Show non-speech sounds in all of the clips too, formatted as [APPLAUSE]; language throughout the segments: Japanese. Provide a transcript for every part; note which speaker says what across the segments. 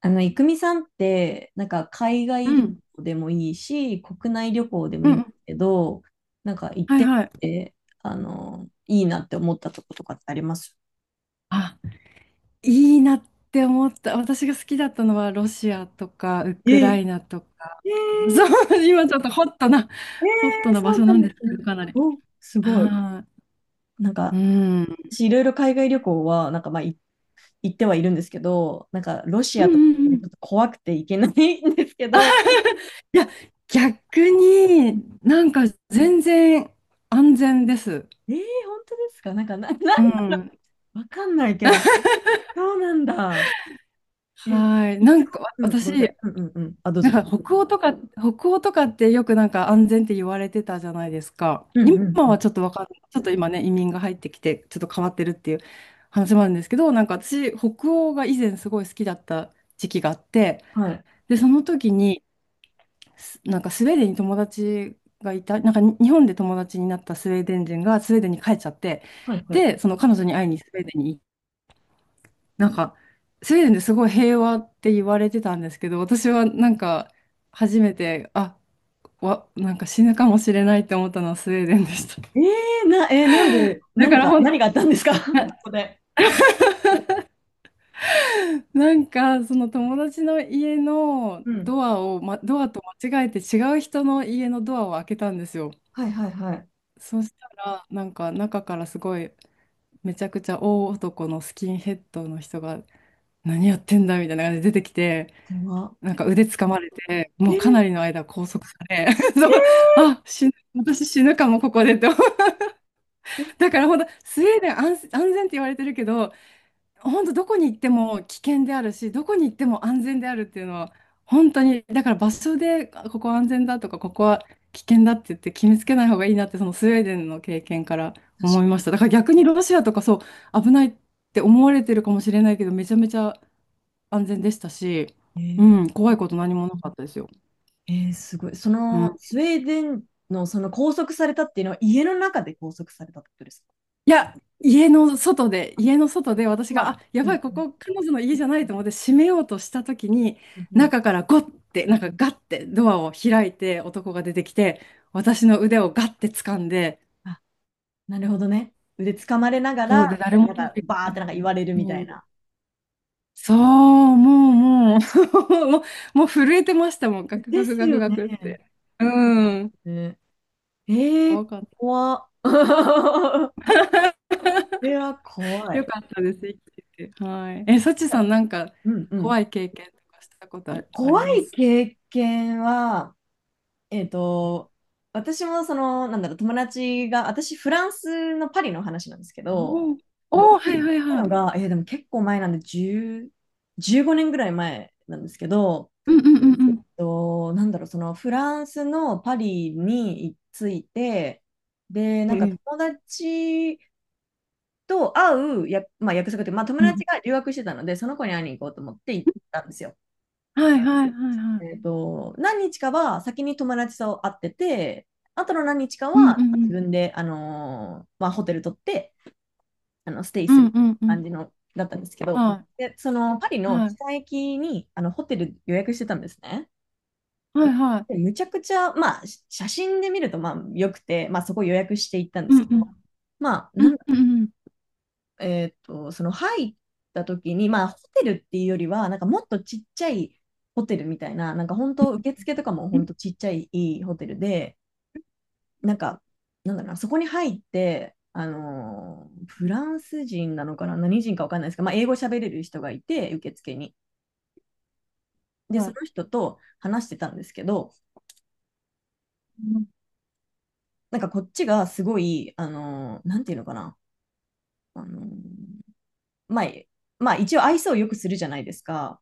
Speaker 1: 郁美さんって、なんか海
Speaker 2: う
Speaker 1: 外旅
Speaker 2: ん。
Speaker 1: 行でもいいし、国内旅行でもい
Speaker 2: う
Speaker 1: いんです
Speaker 2: ん。
Speaker 1: けど、なんか行っ
Speaker 2: はい
Speaker 1: て
Speaker 2: はい。
Speaker 1: みて、いいなって思ったとことかってあります？
Speaker 2: あ、いいなって思った。私が好きだったのはロシアとかウ
Speaker 1: え
Speaker 2: クラ
Speaker 1: え、
Speaker 2: イナとか。
Speaker 1: ええ、
Speaker 2: そ
Speaker 1: え
Speaker 2: う、今ちょっとホットな、
Speaker 1: え、
Speaker 2: 場
Speaker 1: そう
Speaker 2: 所
Speaker 1: な
Speaker 2: な
Speaker 1: ん
Speaker 2: ん
Speaker 1: で
Speaker 2: です
Speaker 1: す
Speaker 2: け
Speaker 1: ね。
Speaker 2: ど、かなり。
Speaker 1: お、すごい。
Speaker 2: は
Speaker 1: なん
Speaker 2: い。う
Speaker 1: か、
Speaker 2: ん。
Speaker 1: 私いろいろ海外旅行は、なんかまあ、行ってはいるんですけど、なんかロシ
Speaker 2: うん
Speaker 1: ア
Speaker 2: う
Speaker 1: とか
Speaker 2: んう
Speaker 1: ちょっ
Speaker 2: ん。
Speaker 1: と怖くて行けないんですけど、
Speaker 2: いや、逆になんか全然安全です。
Speaker 1: ええ、本当ですか？なんか
Speaker 2: うん。
Speaker 1: わかんないけど、そうなんだ。え、
Speaker 2: はい。
Speaker 1: い
Speaker 2: な
Speaker 1: つ
Speaker 2: んか
Speaker 1: ご、うん、
Speaker 2: 私、
Speaker 1: ごめんなさい。うんうんうん。あ、どう
Speaker 2: な
Speaker 1: ぞどう
Speaker 2: ん
Speaker 1: ぞ。
Speaker 2: か北欧とか、北欧とかってよくなんか安全って言われてたじゃないですか。
Speaker 1: うんうん
Speaker 2: 今
Speaker 1: うん。
Speaker 2: はちょっとわかんない。ちょっと今ね、移民が入ってきて、ちょっと変わってるっていう話もあるんですけど、なんか私、北欧が以前すごい好きだった時期があって、
Speaker 1: はい。
Speaker 2: で、その時に、なんかスウェーデンに友達がいた、なんかに日本で友達になったスウェーデン人がスウェーデンに帰っちゃって、
Speaker 1: はいはい。
Speaker 2: で、その彼女に会いにスウェーデンに行っ、なんか、スウェーデンですごい平和って言われてたんですけど、私はなんか、初めて、なんか死ぬかもしれないって思ったのはスウェーデンでした。
Speaker 1: えー、な、えーなん
Speaker 2: [LAUGHS]
Speaker 1: で、
Speaker 2: だから本
Speaker 1: 何があったんですか？ [LAUGHS] こ
Speaker 2: 当な、
Speaker 1: こで。
Speaker 2: なんかその友達の家の
Speaker 1: うん。
Speaker 2: ドアを、ドアと間違えて違う人の家のドアを開けたんですよ。
Speaker 1: はいはいはい。
Speaker 2: そしたら、なんか中からすごいめちゃくちゃ大男のスキンヘッドの人が何やってんだみたいな感じで出てきて、
Speaker 1: これは。
Speaker 2: なんか腕掴まれて、
Speaker 1: え
Speaker 2: もう
Speaker 1: ー、
Speaker 2: かなりの間拘束され、 [LAUGHS] そう、あ、死ぬ、私死ぬかもここでって思う。
Speaker 1: えー、
Speaker 2: だからほんとスウェーデン安全って言われてるけど、本当どこに行っても危険であるし、どこに行っても安全であるっていうのは、本当に、だから場所で、あ、ここ安全だとか、ここは危険だって言って決めつけない方がいいなって、そのスウェーデンの経験から
Speaker 1: 確
Speaker 2: 思
Speaker 1: か
Speaker 2: いました。だから逆にロシアとかそう、危ないって思われてるかもしれないけど、めちゃめちゃ安全でしたし、う
Speaker 1: に。
Speaker 2: ん、怖いこと何もなかったですよ。
Speaker 1: えー、えーすごい。そ
Speaker 2: うん。
Speaker 1: の、スウェーデンの、拘束されたっていうのは、家の中で拘束されたってことですか？
Speaker 2: いや、家の外で、私
Speaker 1: ま
Speaker 2: が、
Speaker 1: あ、
Speaker 2: あ、や
Speaker 1: う
Speaker 2: ば
Speaker 1: ん
Speaker 2: い、こ
Speaker 1: うん
Speaker 2: こ彼女の家じゃないと思って閉めようとした時に、
Speaker 1: うんうん。
Speaker 2: 中からゴッて、なんかガッてドアを開いて男が出てきて、私の腕をガッて掴んで、
Speaker 1: あ、なるほどね。腕掴まれなが
Speaker 2: そ
Speaker 1: ら、
Speaker 2: うで
Speaker 1: み
Speaker 2: 誰
Speaker 1: たい
Speaker 2: も
Speaker 1: な
Speaker 2: 通
Speaker 1: なんか、
Speaker 2: りか
Speaker 1: バー
Speaker 2: か
Speaker 1: ってなん
Speaker 2: ん
Speaker 1: か
Speaker 2: な
Speaker 1: 言
Speaker 2: い。
Speaker 1: われるみたい
Speaker 2: もう、
Speaker 1: な。
Speaker 2: そう、もう、もう、[LAUGHS] もう、[LAUGHS] もう震えてましたもん、ガク
Speaker 1: で
Speaker 2: ガク
Speaker 1: す
Speaker 2: ガク
Speaker 1: よ
Speaker 2: ガ
Speaker 1: ね。
Speaker 2: クって。うん。
Speaker 1: ね、ええー、
Speaker 2: 怖かっ
Speaker 1: 怖っ。[LAUGHS] それは怖
Speaker 2: た。よ
Speaker 1: い。
Speaker 2: かったです、生きてて。はい。え、サチさん、なんか
Speaker 1: うんうん。
Speaker 2: 怖い経験とかしたことあり
Speaker 1: 怖
Speaker 2: ま
Speaker 1: い
Speaker 2: す
Speaker 1: 経験は、えっと、私もその、なんだろう、友達が、私、フランスのパリの話なんですけど、
Speaker 2: おーおー、
Speaker 1: 私
Speaker 2: はい
Speaker 1: 行っ
Speaker 2: はい
Speaker 1: た
Speaker 2: は
Speaker 1: の
Speaker 2: い。
Speaker 1: が、でも結構前なんで、10、15年ぐらい前なんですけど、
Speaker 2: うんうんうんうん。
Speaker 1: と、なんだろう、そのフランスのパリに着いて、で、な
Speaker 2: え
Speaker 1: んか
Speaker 2: え、
Speaker 1: 友達と会うや、まあ、約束って、まあ、友
Speaker 2: う
Speaker 1: 達
Speaker 2: ん。
Speaker 1: が留学してたので、その子に会いに行こうと思って行ったんですよ。
Speaker 2: はいはいはいはい。
Speaker 1: 何日かは先に友達と会ってて、あとの何日か
Speaker 2: うんう
Speaker 1: は
Speaker 2: んう
Speaker 1: 自
Speaker 2: ん。
Speaker 1: 分で、まあ、ホテル取ってステイ
Speaker 2: う
Speaker 1: す
Speaker 2: ん
Speaker 1: る
Speaker 2: うんうん。
Speaker 1: 感じのだったんですけど、
Speaker 2: は
Speaker 1: でそのパリ
Speaker 2: い。
Speaker 1: の
Speaker 2: はい。
Speaker 1: 北駅にホテル予約してたんですね。
Speaker 2: はいは
Speaker 1: で
Speaker 2: い。
Speaker 1: むちゃくちゃ、まあ、写真で見るとまあよくて、まあ、そこ予約して行ったんで
Speaker 2: うん
Speaker 1: す
Speaker 2: う
Speaker 1: けど、
Speaker 2: ん。
Speaker 1: まあ、
Speaker 2: う
Speaker 1: な
Speaker 2: ん
Speaker 1: んだ
Speaker 2: うんうん。
Speaker 1: えっと、その入った時に、まあ、ホテルっていうよりは、なんかもっとちっちゃいホテルみたいな、なんか本当、受付とかも
Speaker 2: うん、
Speaker 1: 本当ちっちゃいいいホテルで、なんか、なんだろうな、そこに入って、フランス人なのかな、何人かわかんないですけど、まあ、英語喋れる人がいて、受付に。で、
Speaker 2: は
Speaker 1: そ
Speaker 2: い、
Speaker 1: の人と話してたんですけど、
Speaker 2: うん。
Speaker 1: なんかこっちがすごい、なんていうのかな、あのーまあ、一応愛想をよくするじゃないですか。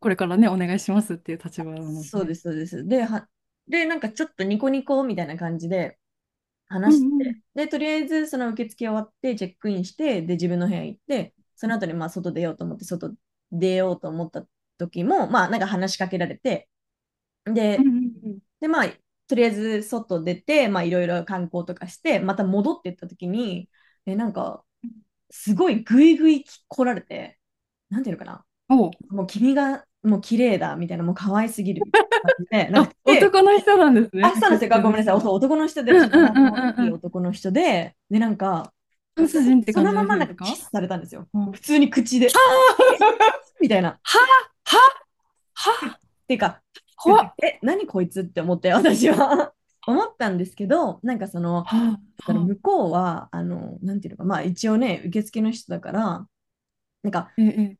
Speaker 2: これからね、お願いしますっていう立場なので
Speaker 1: そうで
Speaker 2: ね。
Speaker 1: す、そうです。で、なんかちょっとニコニコみたいな感じで
Speaker 2: う
Speaker 1: 話し
Speaker 2: んうん
Speaker 1: て、で、とりあえずその受付終わって、チェックインして、で、自分の部屋行って、その後にまあ外出ようと思って、外出ようと思った時も、まあなんか話しかけられて、
Speaker 2: うん
Speaker 1: で、
Speaker 2: うんうん。
Speaker 1: で、まあ、とりあえず外出て、まあいろいろ観光とかして、また戻ってった時に、なんか、すごいグイグイ来られて、なんていうのかな、
Speaker 2: おう。
Speaker 1: もう君がもう綺麗だみたいな、もう可愛すぎるみたいな感じで、なん
Speaker 2: あ、
Speaker 1: か来て、
Speaker 2: 男の人なんですね。
Speaker 1: あ、そうな
Speaker 2: 受
Speaker 1: んですよ。あ、
Speaker 2: 付
Speaker 1: ご
Speaker 2: の
Speaker 1: めんなさ
Speaker 2: 人
Speaker 1: い。そう、
Speaker 2: は。
Speaker 1: 男の人で
Speaker 2: うんうん
Speaker 1: 体
Speaker 2: う
Speaker 1: の
Speaker 2: ん
Speaker 1: 大
Speaker 2: う
Speaker 1: き
Speaker 2: ん
Speaker 1: い
Speaker 2: うん。
Speaker 1: 男の人で、で、なんか、
Speaker 2: ドイ
Speaker 1: そ
Speaker 2: ツ
Speaker 1: れ
Speaker 2: 人って
Speaker 1: そ
Speaker 2: 感
Speaker 1: の
Speaker 2: じ
Speaker 1: ま
Speaker 2: の人
Speaker 1: まな
Speaker 2: で
Speaker 1: んか
Speaker 2: す
Speaker 1: キス
Speaker 2: か？
Speaker 1: されたんですよ。
Speaker 2: うん。
Speaker 1: 普通に口で。えみたいな。っ
Speaker 2: ははは
Speaker 1: ていうか、パニッ
Speaker 2: 怖
Speaker 1: クっ
Speaker 2: っ。
Speaker 1: てえ、何こいつって思って、私は [LAUGHS] 思ったんですけど、なんかその、
Speaker 2: は
Speaker 1: そ
Speaker 2: は
Speaker 1: の
Speaker 2: は。
Speaker 1: 向こうは、なんていうのか、まあ一応ね、受付の人だから、なんか、
Speaker 2: ええ。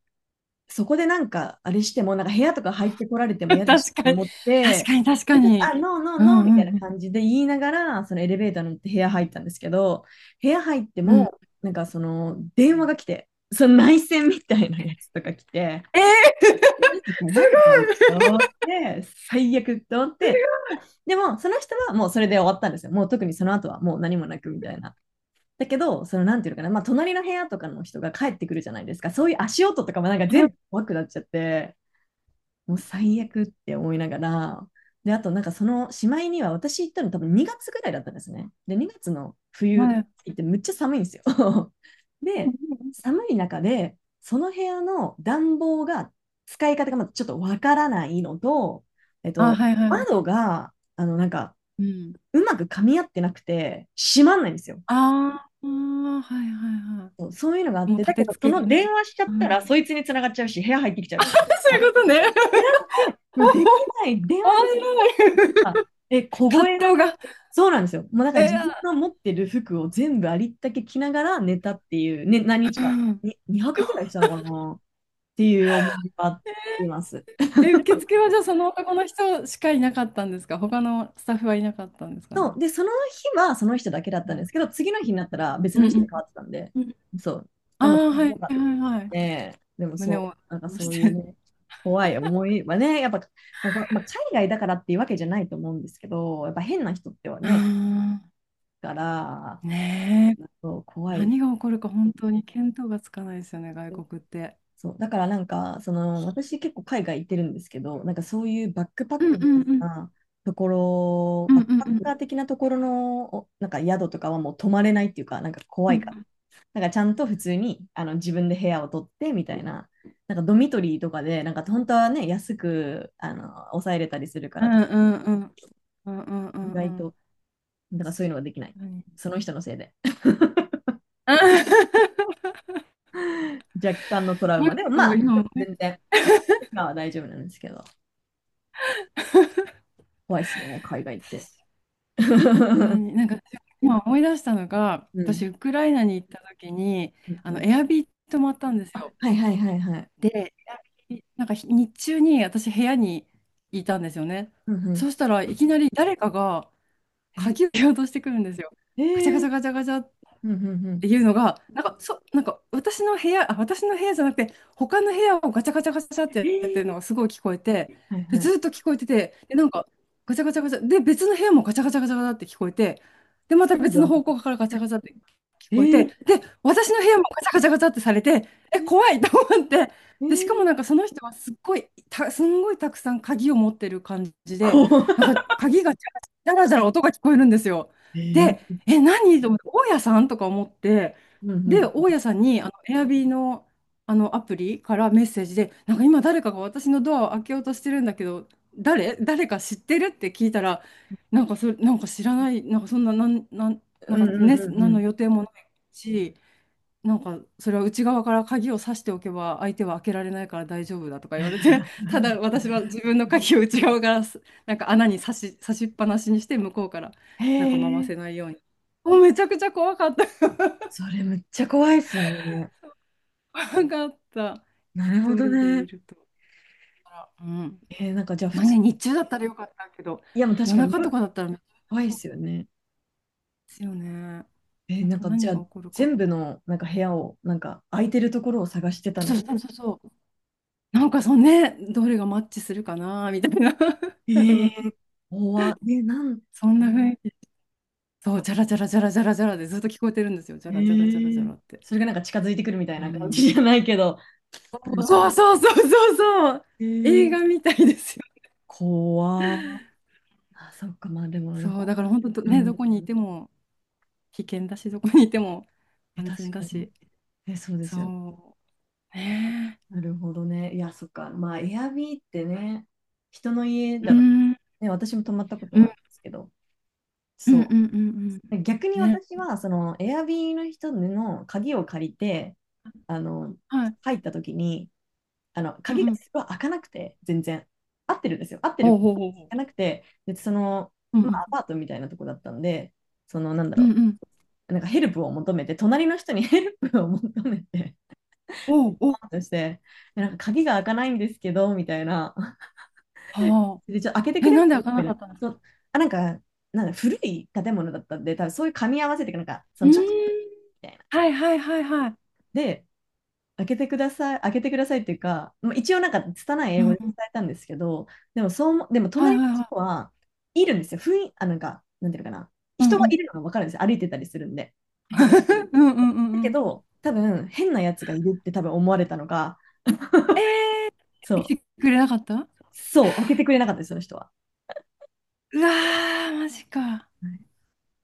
Speaker 1: そこでなんか、あれしても、なんか部屋とか入ってこられて
Speaker 2: [LAUGHS]
Speaker 1: も
Speaker 2: 確
Speaker 1: 嫌だしと
Speaker 2: かに、
Speaker 1: 思っ
Speaker 2: 確
Speaker 1: て、
Speaker 2: かに、確
Speaker 1: そ
Speaker 2: か
Speaker 1: れで
Speaker 2: に。
Speaker 1: あ、ノーノー
Speaker 2: う
Speaker 1: ノーみ
Speaker 2: ん
Speaker 1: た
Speaker 2: う
Speaker 1: いな
Speaker 2: ん
Speaker 1: 感じで言いながら、そのエレベーターに乗って部屋入ったんですけど、部屋入って
Speaker 2: うん。
Speaker 1: も、なんかその電話が来て、その内線みたいなやつとか来て、マジで誰かと思って、最悪と思って、でもその人はもうそれで終わったんですよ。もう特にその後はもう何もなくみたいな。だけど、そのなんていうのかな、まあ隣の部屋とかの人が帰ってくるじゃないですか。そういう足音とかもなんか
Speaker 2: う
Speaker 1: 全
Speaker 2: ん。
Speaker 1: 部怖くなっちゃって、もう最悪って思いながら、で、あとなんかそのしまいには私行ったの多分2月ぐらいだったんですね。で、2月の
Speaker 2: あ、
Speaker 1: 冬
Speaker 2: はい。
Speaker 1: 行ってむっちゃ寒いんですよ。[LAUGHS]
Speaker 2: うん
Speaker 1: で、
Speaker 2: うんうん。
Speaker 1: 寒い中で、その部屋の暖房が使い方がまだちょっとわからないのと、えっ
Speaker 2: あ、
Speaker 1: と、
Speaker 2: はい、うん
Speaker 1: 窓が、なんか、
Speaker 2: うん。
Speaker 1: うまく噛み合ってなくて、閉まんないんですよ。
Speaker 2: あ、はいはいはい。うん。ああ、はいはいは
Speaker 1: そうそういうのがあ
Speaker 2: い。
Speaker 1: っ
Speaker 2: もう
Speaker 1: て、だ
Speaker 2: 立
Speaker 1: け
Speaker 2: て
Speaker 1: ど、そ
Speaker 2: 付けが
Speaker 1: の
Speaker 2: ね。
Speaker 1: 電話しちゃっ
Speaker 2: う
Speaker 1: たら、そ
Speaker 2: ん。
Speaker 1: いつに繋がっちゃうし、部屋入ってきち
Speaker 2: [LAUGHS]
Speaker 1: ゃう
Speaker 2: あ、
Speaker 1: し、
Speaker 2: そう
Speaker 1: あっ
Speaker 2: いうことね。
Speaker 1: てな
Speaker 2: [LAUGHS]
Speaker 1: って、もうできない、電
Speaker 2: 面
Speaker 1: 話で
Speaker 2: 白い。
Speaker 1: あ、
Speaker 2: 葛
Speaker 1: 凍えな
Speaker 2: 藤
Speaker 1: がら、
Speaker 2: が。
Speaker 1: そうなんですよ。もうだか
Speaker 2: え
Speaker 1: ら
Speaker 2: ー、
Speaker 1: 自分が持ってる服を全部ありったけ着ながら寝たっていう、ね、何日
Speaker 2: う
Speaker 1: か、
Speaker 2: ん
Speaker 1: に2泊ぐらいしたのかなっていう思いがあります。
Speaker 2: え、受付はじゃあその男の人しかいなかったんですか？他のスタッフはいなかったんですか
Speaker 1: そ
Speaker 2: ね。
Speaker 1: う。で、その日はその人だけだっ
Speaker 2: う
Speaker 1: たんで
Speaker 2: ん。
Speaker 1: すけど、次の日になったら別
Speaker 2: う
Speaker 1: の人に
Speaker 2: ん
Speaker 1: 変わってたんで、
Speaker 2: うん。
Speaker 1: そう。
Speaker 2: あ
Speaker 1: あんま
Speaker 2: あ、は
Speaker 1: 強
Speaker 2: い
Speaker 1: か
Speaker 2: は
Speaker 1: っ
Speaker 2: いはい。
Speaker 1: たね。でも
Speaker 2: 胸
Speaker 1: そ
Speaker 2: を
Speaker 1: う、なんか
Speaker 2: 押し
Speaker 1: そういう
Speaker 2: て。
Speaker 1: ね、怖い思いはね、やっぱ、なんかまあ、海外だからっていうわけじゃないと思うんですけど、やっぱ変な人っては
Speaker 2: あ
Speaker 1: ね、
Speaker 2: あ、
Speaker 1: だから、
Speaker 2: ねえ。
Speaker 1: そう怖い
Speaker 2: 何が起こるか本当に見当がつかないですよね、外国って。
Speaker 1: そう、だからなんか、その、私結構海外行ってるんですけど、なんかそういうバックパッ
Speaker 2: うん
Speaker 1: クみ
Speaker 2: う
Speaker 1: た
Speaker 2: ん
Speaker 1: い
Speaker 2: うん
Speaker 1: なところ、
Speaker 2: うん
Speaker 1: バッ
Speaker 2: う
Speaker 1: ク
Speaker 2: ん
Speaker 1: パッ
Speaker 2: う
Speaker 1: カ
Speaker 2: ん、
Speaker 1: ー的なところの、なんか宿とかはもう泊まれないっていうか、なんか
Speaker 2: う
Speaker 1: 怖いから。
Speaker 2: ん
Speaker 1: なんかちゃんと普通に自分で部屋を取ってみたいな、なんかドミトリーとかで、なんか本当はね、安く抑えれたりするか
Speaker 2: う
Speaker 1: ら、
Speaker 2: んうんうん、うんうんう
Speaker 1: 意外
Speaker 2: んう、
Speaker 1: と、なんかそういうのができない。
Speaker 2: 何。
Speaker 1: その人のせいで。
Speaker 2: [LAUGHS] なんか
Speaker 1: [LAUGHS] 若干のトラウ
Speaker 2: 今
Speaker 1: マでも、ま
Speaker 2: 思い
Speaker 1: あ、
Speaker 2: 出
Speaker 1: でも
Speaker 2: し
Speaker 1: 全然、今は大丈夫なんですけど、怖いっすね、海外って。
Speaker 2: たの
Speaker 1: [LAUGHS]
Speaker 2: になんか今思い出したのが、
Speaker 1: うん。
Speaker 2: 私、ウクライナに行った時に、
Speaker 1: うんうん。
Speaker 2: エアビー泊まったんです
Speaker 1: あ、
Speaker 2: よ。
Speaker 1: はいはいはいはい。
Speaker 2: で、エアビーなんか日中に私、部屋にいたんですよね。
Speaker 1: うんうん。
Speaker 2: そしたらいきなり誰かが
Speaker 1: え、
Speaker 2: 鍵を落としてくるんですよ。
Speaker 1: え
Speaker 2: ガチャガ
Speaker 1: ー、
Speaker 2: チャガチャガチャっ
Speaker 1: うんうんう
Speaker 2: って
Speaker 1: ん。
Speaker 2: いうのが、なんか、なんか私の部屋、あ、私の部屋じゃなくて、他の部屋をガチャガチャガチャっ
Speaker 1: え
Speaker 2: てやってるの
Speaker 1: ー、
Speaker 2: がすごい聞こえて、
Speaker 1: はい
Speaker 2: で、
Speaker 1: は
Speaker 2: ず
Speaker 1: い。
Speaker 2: っと聞こえてて、で、なんか、ガチャガチャガチャ、で、別の部屋もガチャガチャガチャガチャって聞こえて、で、また
Speaker 1: 全
Speaker 2: 別
Speaker 1: 部あ
Speaker 2: の
Speaker 1: る。
Speaker 2: 方向からガチャガチャって聞
Speaker 1: え
Speaker 2: こえて、
Speaker 1: ー、
Speaker 2: で、私の部屋もガチャガチャガチャってされて、え、
Speaker 1: え
Speaker 2: 怖い、 [LAUGHS] と思って、
Speaker 1: ー、
Speaker 2: で、
Speaker 1: え
Speaker 2: しかも
Speaker 1: ー、
Speaker 2: なんかその人はすんごいたくさん鍵を持ってる感じで、
Speaker 1: 怖
Speaker 2: なんか鍵がジャラジャラジャラジャラ音が聞こえるんですよ。
Speaker 1: い。え
Speaker 2: で、
Speaker 1: ー、
Speaker 2: え、何と思って、大家さんとか思って、
Speaker 1: うんう
Speaker 2: で、
Speaker 1: ん。
Speaker 2: 大家さんに、エアビーの、アプリからメッセージで、なんか今誰かが私のドアを開けようとしてるんだけど、誰か知ってるって聞いたら、なんかそれ、なんか知らない、なんかそんな、な
Speaker 1: う
Speaker 2: んか
Speaker 1: ん
Speaker 2: ね、
Speaker 1: うんう
Speaker 2: 何の
Speaker 1: ん
Speaker 2: 予定もないし、なんかそれは内側から鍵を挿しておけば相手は開けられないから大丈夫だとか言われて、
Speaker 1: う
Speaker 2: [LAUGHS] ただ
Speaker 1: ん。
Speaker 2: 私は自分の鍵を内側からなんか穴に差しっぱなしにして向こうから
Speaker 1: へ
Speaker 2: なんか回
Speaker 1: え、
Speaker 2: せないように、もうめちゃくちゃ怖かった。
Speaker 1: それめっちゃ怖いっすね。
Speaker 2: [LAUGHS] 怖かった、
Speaker 1: な
Speaker 2: 一
Speaker 1: るほど
Speaker 2: 人でい
Speaker 1: ね。
Speaker 2: ると。うん。
Speaker 1: えー、なんかじゃあ普
Speaker 2: まあ
Speaker 1: 通、
Speaker 2: ね、日中だったらよかったけど、
Speaker 1: いやもう確
Speaker 2: 夜
Speaker 1: かに
Speaker 2: 中と
Speaker 1: 夜
Speaker 2: かだったらめっち
Speaker 1: 怖いっ
Speaker 2: ゃ怖
Speaker 1: すよ
Speaker 2: い
Speaker 1: ね。
Speaker 2: ですよね。
Speaker 1: えー、
Speaker 2: 本
Speaker 1: なん
Speaker 2: 当
Speaker 1: かじ
Speaker 2: 何
Speaker 1: ゃあ
Speaker 2: が起こるか。
Speaker 1: 全部のなんか部屋を、なんか空いてるところを探してた
Speaker 2: そ
Speaker 1: の。
Speaker 2: うそうそうそう、なんかそのね、どれがマッチするかなみたいな。 [LAUGHS]
Speaker 1: え
Speaker 2: 多
Speaker 1: ー、
Speaker 2: 分
Speaker 1: 怖っ。え、
Speaker 2: そんな雰囲気。そう、
Speaker 1: 怖
Speaker 2: じゃ
Speaker 1: い。
Speaker 2: らじゃらじゃらじゃらじゃらでずっと聞こえてるんですよ。じゃ
Speaker 1: へ
Speaker 2: らじゃらじゃらじゃ
Speaker 1: え、
Speaker 2: らって。
Speaker 1: それがなんか近づいてくるみたい
Speaker 2: う
Speaker 1: な感じ
Speaker 2: ん。
Speaker 1: じゃないけど、なんか、
Speaker 2: そうそうそうそうそう。
Speaker 1: へ
Speaker 2: 映画
Speaker 1: え。
Speaker 2: みたいですよ。
Speaker 1: 怖ー。あ、そっか、まあでもなん
Speaker 2: そう、
Speaker 1: か、
Speaker 2: だから本当ど
Speaker 1: う
Speaker 2: ね、ど
Speaker 1: ん、
Speaker 2: こにいても危険だし、どこにいても
Speaker 1: え、
Speaker 2: 安
Speaker 1: 確
Speaker 2: 全だ
Speaker 1: かに。
Speaker 2: し。
Speaker 1: え、そうですよ。
Speaker 2: そう。ね
Speaker 1: なるほどね。いや、そっか。まあ、エアビーってね、人の家
Speaker 2: え。う
Speaker 1: だか
Speaker 2: ん。
Speaker 1: ら、ね、私も泊まったこと
Speaker 2: う
Speaker 1: はあ
Speaker 2: ん
Speaker 1: るんですけど、
Speaker 2: うんう
Speaker 1: そ
Speaker 2: んうん
Speaker 1: う。逆
Speaker 2: う
Speaker 1: に
Speaker 2: ん。ね。
Speaker 1: 私は、その、エアビーの人の鍵を借りて、あの、
Speaker 2: はい。
Speaker 1: 入った時に、あの
Speaker 2: うん
Speaker 1: 鍵が
Speaker 2: うん。
Speaker 1: すごい開かなくて、全然。合ってるんですよ。合って
Speaker 2: お
Speaker 1: る。
Speaker 2: うおうおうおう。
Speaker 1: 開かなくて、でその、
Speaker 2: うんう
Speaker 1: まあ、
Speaker 2: ん
Speaker 1: アパートみたいなとこだったんで、その、なんだ
Speaker 2: うん
Speaker 1: ろ
Speaker 2: うん。
Speaker 1: う、なんかヘルプを求めて、隣の人に [LAUGHS] ヘルプを求めて、
Speaker 2: おうお
Speaker 1: パ
Speaker 2: う。
Speaker 1: ーンとして、なんか鍵が開かないんですけど、みたいな。
Speaker 2: は
Speaker 1: で、ちょっと開けて
Speaker 2: あ。
Speaker 1: く
Speaker 2: え、
Speaker 1: れ
Speaker 2: な
Speaker 1: ま
Speaker 2: ん
Speaker 1: す
Speaker 2: で開か
Speaker 1: み
Speaker 2: な
Speaker 1: た
Speaker 2: か
Speaker 1: い
Speaker 2: っ
Speaker 1: な。
Speaker 2: たんですか？
Speaker 1: そうあ、なんか、なんだ古い建物だったんで、多分そういう噛み合わせて、なんか、そ
Speaker 2: う
Speaker 1: の
Speaker 2: ーん。
Speaker 1: ちょっと、みたいな。
Speaker 2: はいはいはいはい。
Speaker 1: で、開けてください、開けてくださいっていうか、まあ、一応なんか拙い
Speaker 2: う
Speaker 1: 英
Speaker 2: ん
Speaker 1: 語で
Speaker 2: う
Speaker 1: 伝
Speaker 2: ん。
Speaker 1: えたんですけど、でもそうでも
Speaker 2: はい
Speaker 1: 隣の
Speaker 2: はいは
Speaker 1: 人
Speaker 2: い。
Speaker 1: はいるんですよ。あ、なんか、なんていうのかな。
Speaker 2: うん
Speaker 1: 人
Speaker 2: う
Speaker 1: は
Speaker 2: ん。
Speaker 1: いるのが分かるんですよ。歩いてたりするんで。
Speaker 2: [LAUGHS] うんうんう
Speaker 1: だ
Speaker 2: ん
Speaker 1: け
Speaker 2: うん。
Speaker 1: ど、多分変なやつがいるって多分思われたのが、そ
Speaker 2: 来
Speaker 1: う、
Speaker 2: てくれなかった。
Speaker 1: そう、開けてくれなかったです、その人は。
Speaker 2: うわー、マジか。